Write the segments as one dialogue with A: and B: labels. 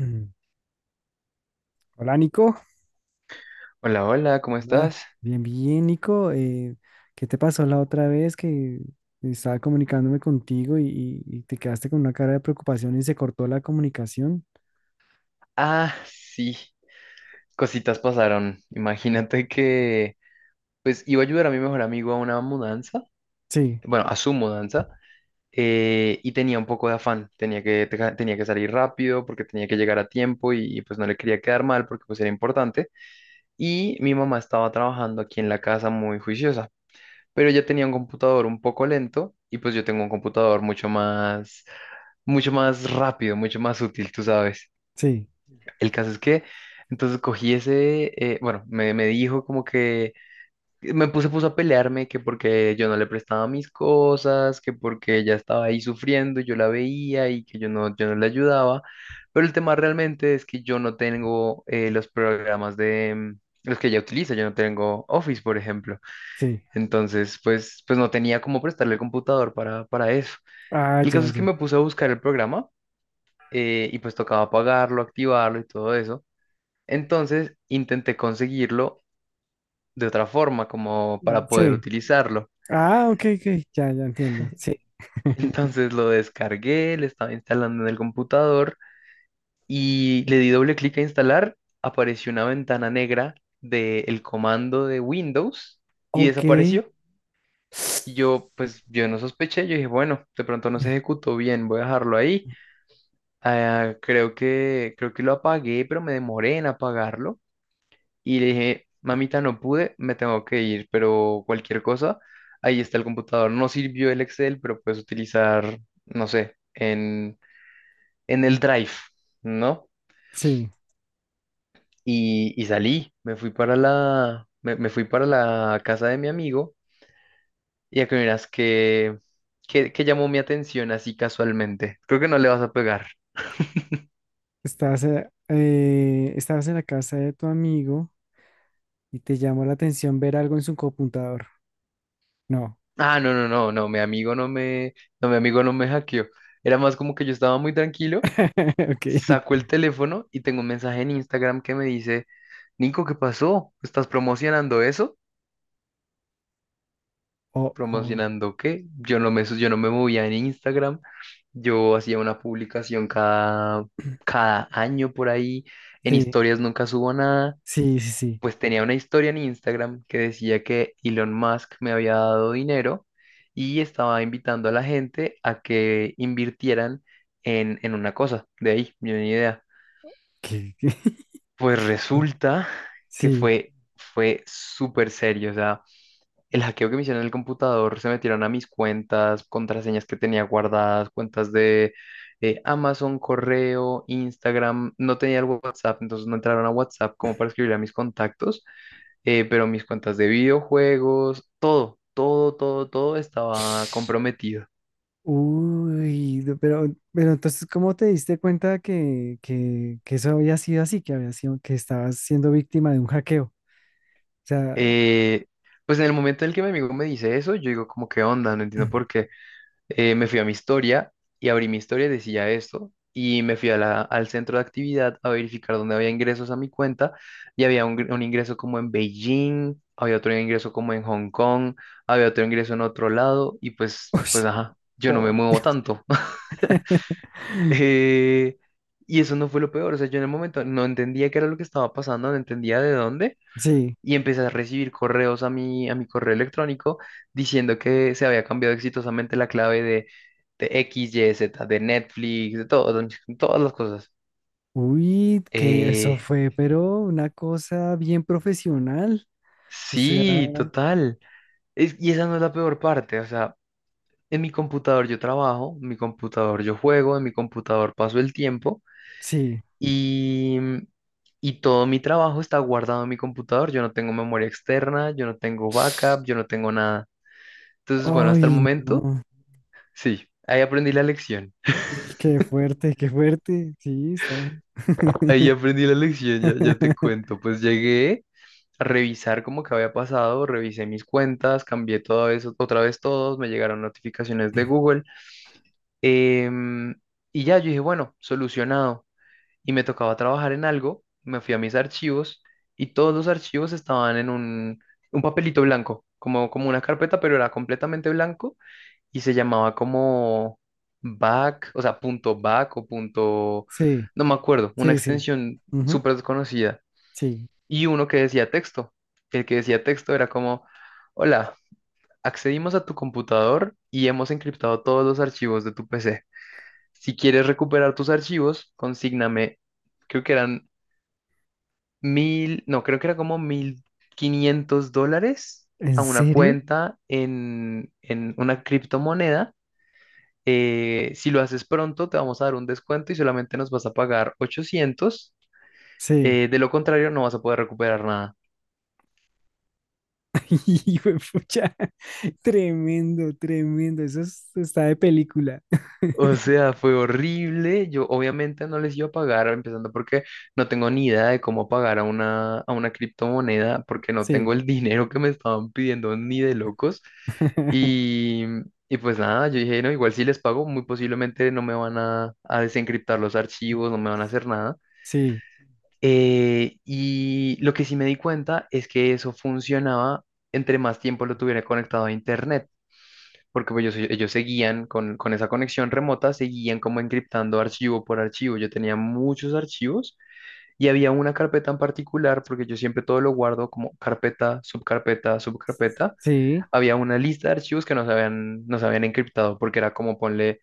A: Mm. Hola Nico.
B: Hola, hola, ¿cómo
A: Ah,
B: estás?
A: Bien, bien Nico, ¿qué te pasó la otra vez que estaba comunicándome contigo y te quedaste con una cara de preocupación y se cortó la comunicación?
B: Ah, sí, cositas pasaron. Imagínate que, pues, iba a ayudar a mi mejor amigo a una mudanza,
A: Sí,
B: bueno, a su mudanza, y tenía un poco de afán. Tenía que salir rápido porque tenía que llegar a tiempo y pues no le quería quedar mal porque pues era importante. Y mi mamá estaba trabajando aquí en la casa muy juiciosa, pero ella tenía un computador un poco lento y pues yo tengo un computador mucho más rápido, mucho más útil, tú sabes.
A: sí,
B: El caso es que entonces cogí ese, bueno, me dijo como que puso a pelearme, que porque yo no le prestaba mis cosas, que porque ella estaba ahí sufriendo, y yo la veía y que yo no le ayudaba. Pero el tema realmente es que yo no tengo los programas de los que ella utiliza, yo no tengo Office, por ejemplo.
A: sí.
B: Entonces, pues no tenía cómo prestarle el computador para eso.
A: Ah,
B: El
A: ya,
B: caso es que
A: ya.
B: me puse a buscar el programa y pues tocaba pagarlo, activarlo y todo eso. Entonces intenté conseguirlo de otra forma, como
A: Mm,
B: para poder
A: sí.
B: utilizarlo.
A: Ah, ok, ok, ya, ya entiendo. Sí,
B: Entonces lo descargué, lo estaba instalando en el computador y le di doble clic a instalar. Apareció una ventana negra del comando de Windows y
A: ok.
B: desapareció. Y yo, pues, yo no sospeché. Yo dije, bueno, de pronto no
A: Mm,
B: se ejecutó bien, voy a dejarlo ahí. Ah, creo que lo apagué, pero me demoré en apagarlo. Y le dije, mamita, no pude, me tengo que ir, pero cualquier cosa, ahí está el computador. No sirvió el Excel, pero puedes utilizar, no sé, en, el Drive, ¿no?
A: sí,
B: Y salí, me fui para la casa de mi amigo y a que miras que, que, llamó mi atención así casualmente. Creo que no le vas a pegar.
A: estabas estabas en la casa de tu amigo y te llamó la atención ver algo en su computador. No.
B: Ah, no, no, no, no, mi amigo no me hackeó. Era más como que yo estaba muy tranquilo.
A: Ok.
B: Saco el teléfono y tengo un mensaje en Instagram que me dice, Nico, ¿qué pasó? ¿Estás promocionando eso?
A: Oh, oh.
B: ¿Promocionando qué? Yo no me movía en Instagram. Yo hacía una publicación cada, cada año por ahí. En
A: Sí.
B: historias nunca subo nada.
A: Sí, sí, sí.
B: Pues tenía una historia en Instagram que decía que Elon Musk me había dado dinero y estaba invitando a la gente a que invirtieran en una cosa. De ahí, yo ni idea.
A: ¿Qué?
B: Pues resulta que
A: Sí.
B: fue súper serio. O sea, el hackeo que me hicieron en el computador se metieron a mis cuentas, contraseñas que tenía guardadas, cuentas de Amazon, correo, Instagram. No tenía el WhatsApp, entonces no entraron a WhatsApp como para escribir a mis contactos, pero mis cuentas de videojuegos, todo, todo, todo, todo estaba comprometido.
A: Uy, no, pero entonces, ¿cómo te diste cuenta que eso había sido así, que había sido, que estabas siendo víctima de un hackeo? O sea,
B: Eh, pues en el momento en el que mi amigo me dice eso, yo digo como, ¿qué onda? No entiendo por qué. Me fui a mi historia y abrí mi historia y decía esto. Y me fui a al centro de actividad a verificar dónde había ingresos a mi cuenta. Y había un ingreso como en Beijing, había otro ingreso como en Hong Kong, había otro ingreso en otro lado. Y pues,
A: uy,
B: pues ajá, yo no me
A: por
B: muevo
A: Dios.
B: tanto. Eh, y eso no fue lo peor. O sea, yo en el momento no entendía qué era lo que estaba pasando, no entendía de dónde,
A: Sí.
B: y empecé a recibir correos a mi, correo electrónico diciendo que se había cambiado exitosamente la clave de X, Y, Z, de Netflix, de todo, de todas las cosas.
A: Uy, que eso
B: Eh,
A: fue, pero una cosa bien profesional. O sea,
B: sí, total. Y esa no es la peor parte, o sea, en mi computador yo trabajo, en mi computador yo juego, en mi computador paso el tiempo
A: sí.
B: y, y todo mi trabajo está guardado en mi computador, yo no tengo memoria externa, yo no tengo backup, yo no tengo nada. Entonces, bueno, hasta el
A: Ay,
B: momento.
A: no.
B: Sí, ahí aprendí la lección.
A: Qué fuerte, qué fuerte. Sí, está.
B: Ahí aprendí la lección, ya, ya te cuento. Pues llegué a revisar como que había pasado, revisé mis cuentas, cambié todo eso, otra vez todos, me llegaron notificaciones de Google. em, y ya yo dije, bueno, solucionado. Y me tocaba trabajar en algo, me fui a mis archivos y todos los archivos estaban en un papelito blanco, como una carpeta, pero era completamente blanco y se llamaba como back, o sea, punto back o punto,
A: Sí.
B: no me acuerdo, una
A: Sí, sí.
B: extensión
A: Ujú,
B: súper desconocida.
A: sí.
B: Y uno que decía texto. El que decía texto era como, hola, accedimos a tu computador y hemos encriptado todos los archivos de tu PC. Si quieres recuperar tus archivos, consígname, creo que eran mil, no, creo que era como $1500
A: ¿En
B: a una
A: serio?
B: cuenta en una criptomoneda. Si lo haces pronto, te vamos a dar un descuento y solamente nos vas a pagar 800.
A: Sí.
B: De lo contrario, no vas a poder recuperar nada.
A: Hijo de pucha. Tremendo, tremendo. Está de película.
B: O sea, fue horrible. Yo obviamente no les iba a pagar, empezando porque no tengo ni idea de cómo pagar a a una criptomoneda, porque no
A: Sí.
B: tengo el dinero que me estaban pidiendo ni de locos. Y, y pues nada, yo dije, no, igual si les pago, muy posiblemente no me van a desencriptar los archivos, no me van a hacer nada.
A: Sí.
B: Y lo que sí me di cuenta es que eso funcionaba entre más tiempo lo tuviera conectado a internet, porque pues, ellos seguían con esa conexión remota, seguían como encriptando archivo por archivo. Yo tenía muchos archivos y había una carpeta en particular, porque yo siempre todo lo guardo como carpeta, subcarpeta, subcarpeta.
A: Sí.
B: Había una lista de archivos que no se habían encriptado, porque era como ponle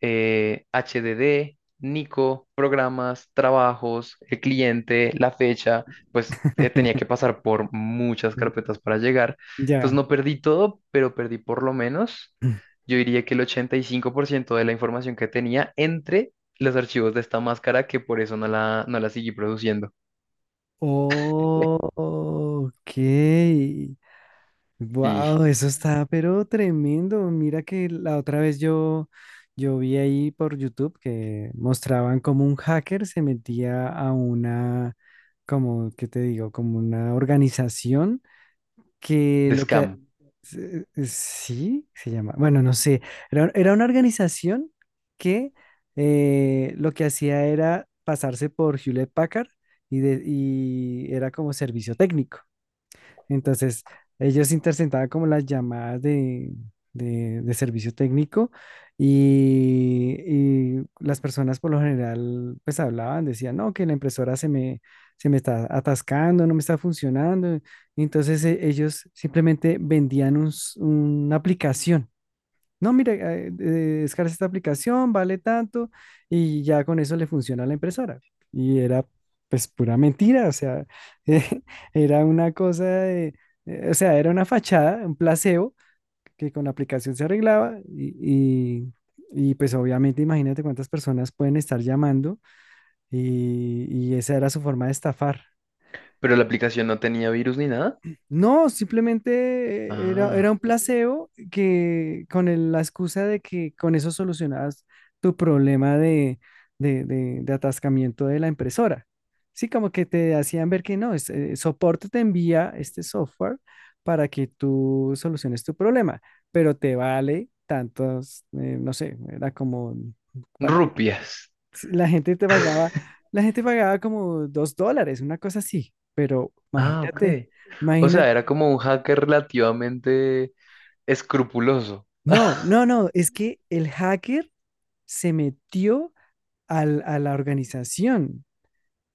B: HDD, Nico, programas, trabajos, el cliente, la fecha, pues tenía que pasar por muchas carpetas para llegar. Entonces
A: Ya.
B: no perdí todo, pero perdí por lo menos, yo diría que el 85% de la información que tenía entre los archivos de esta máscara, que por eso no la seguí produciendo.
A: Oh, ok.
B: Y
A: Wow, eso está, pero tremendo. Mira que la otra vez yo vi ahí por YouTube que mostraban como un hacker se metía a una, como, ¿qué te digo? Como una organización que
B: de
A: lo que...
B: scam.
A: sí, se llama. Bueno, no sé. Era, era una organización que lo que hacía era pasarse por Hewlett Packard y, y era como servicio técnico. Entonces, ellos interceptaban como las llamadas de, de servicio técnico y, y las personas por lo general pues hablaban, decían, no, que la impresora se me está atascando, no me está funcionando. Entonces, ellos simplemente vendían una aplicación, no, mira, descarga esta aplicación, vale tanto, y ya con eso le funciona a la impresora. Y era pues pura mentira, o sea, eh, era una cosa de, o sea, era una fachada, un placebo que con la aplicación se arreglaba y pues obviamente imagínate cuántas personas pueden estar llamando y, y esa era su forma de estafar.
B: Pero la aplicación no tenía virus ni nada.
A: No, simplemente era, era
B: Ah,
A: un placebo que con la excusa de que con eso solucionabas tu problema de, de atascamiento de la impresora. Sí, como que te hacían ver que no, soporte te envía este software para que tú soluciones tu problema, pero te vale tantos, no sé, era como, para-
B: rupias.
A: sí, la gente te pagaba, la gente pagaba como $2, una cosa así, pero
B: Ah, ok.
A: imagínate.
B: O
A: Imagina.
B: sea, era como un hacker relativamente escrupuloso.
A: No, no, no, es que el hacker se metió a la organización.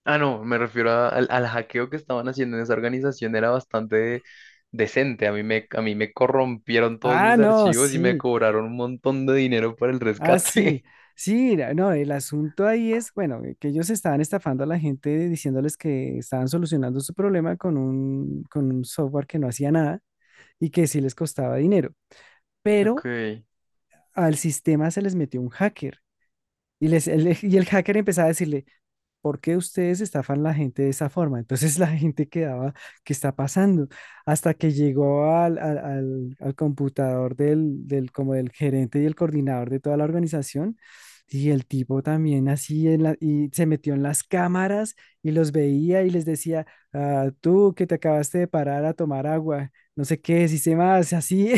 B: Ah, no, me refiero al hackeo que estaban haciendo en esa organización, era bastante decente. A mí me corrompieron todos
A: Ah,
B: mis
A: no,
B: archivos y me
A: sí,
B: cobraron un montón de dinero para el
A: ah, sí,
B: rescate.
A: sí, no, el asunto ahí es, bueno, que ellos estaban estafando a la gente diciéndoles que estaban solucionando su problema con un software que no hacía nada y que sí les costaba dinero, pero
B: Ok.
A: al sistema se les metió un hacker y, les, y el hacker empezaba a decirle, ¿por qué ustedes estafan a la gente de esa forma? Entonces la gente quedaba, ¿qué está pasando? Hasta que llegó al, al computador del, del, como del gerente y el coordinador de toda la organización. Y el tipo también así en y se metió en las cámaras y los veía y les decía, "Ah, tú que te acabaste de parar a tomar agua, no sé qué, si se más, así.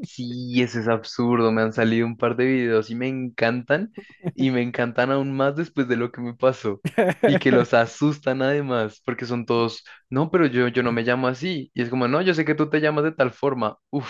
B: Sí, ese es absurdo. Me han salido un par de videos y me encantan. Y me encantan aún más después de lo que me pasó. Y que los asustan además, porque son todos, no, pero yo no me llamo así. Y es como, no, yo sé que tú te llamas de tal forma. Uf,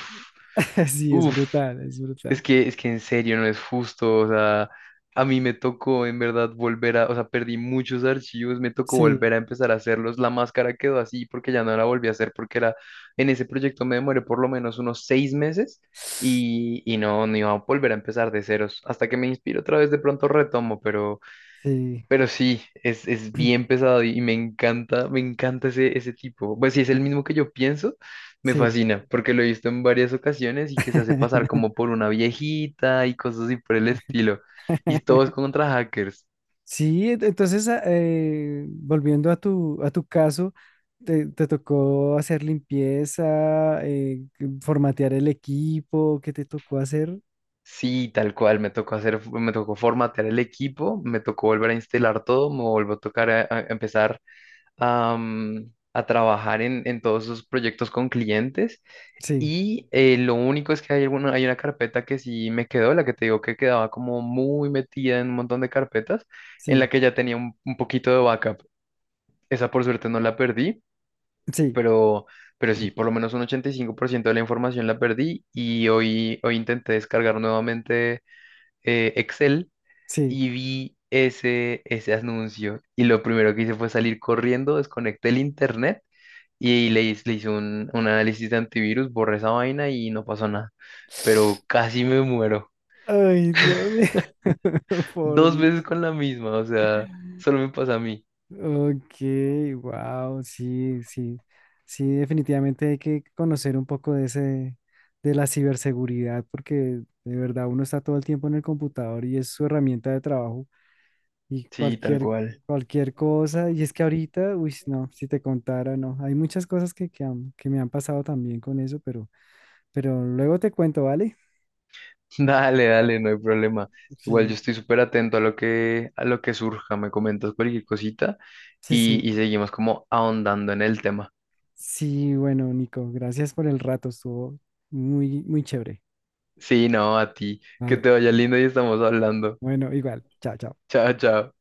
A: Sí, es
B: uf.
A: brutal, es
B: Es
A: brutal.
B: que, es que en serio no es justo, o sea, a mí me tocó en verdad volver a, o sea, perdí muchos archivos, me tocó
A: Sí,
B: volver a empezar a hacerlos, la máscara quedó así porque ya no la volví a hacer porque era, en ese proyecto me demoré por lo menos unos 6 meses y no, no iba a volver a empezar de ceros, hasta que me inspiro otra vez de pronto retomo, pero,
A: sí,
B: pero sí, es bien pesado y me encanta ese tipo. Pues si es el mismo que yo pienso, me
A: sí.
B: fascina, porque lo he visto en varias ocasiones y que se hace pasar como por una viejita y cosas así por el estilo. Y todos contra hackers.
A: Sí, entonces, volviendo a tu caso, te tocó hacer limpieza, formatear el equipo, ¿qué te tocó hacer?
B: Sí, tal cual, me tocó hacer, me tocó formatear el equipo, me tocó volver a instalar todo, me volvió a tocar a empezar a trabajar en, todos esos proyectos con clientes.
A: Sí,
B: Y lo único es que hay una carpeta que sí me quedó, la que te digo que quedaba como muy metida en un montón de carpetas, en la
A: sí,
B: que ya tenía un poquito de backup. Esa por suerte no la perdí,
A: sí,
B: pero, pero, sí, por lo menos un 85% de la información la perdí y hoy intenté descargar nuevamente Excel
A: sí.
B: y vi ese anuncio y lo primero que hice fue salir corriendo, desconecté el internet y le hice un análisis de antivirus, borré esa vaina y no pasó nada. Pero casi me muero.
A: Ay, Dios mío, por
B: Dos veces
A: Dios.
B: con la misma, o sea, solo me pasa a mí.
A: Ok, wow, sí, sí, sí, definitivamente hay que conocer un poco de ese, de la ciberseguridad, porque de verdad uno está todo el tiempo en el computador y es su herramienta de trabajo. Y
B: Sí, tal
A: cualquier,
B: cual.
A: cualquier cosa. Y es que ahorita, uy, no, si te contara, no. Hay muchas cosas que, que me han pasado también con eso, pero luego te cuento, ¿vale?
B: Dale, dale, no hay problema. Igual yo
A: Sí,
B: estoy súper atento a lo que, surja. Me comentas cualquier cosita
A: sí,
B: y,
A: sí.
B: y seguimos como ahondando en el tema.
A: Sí, bueno, Nico, gracias por el rato, estuvo muy, muy chévere.
B: Sí, no, a ti. Que
A: Vale,
B: te vaya lindo y estamos hablando.
A: bueno, igual, chao, chao.
B: Chao, chao.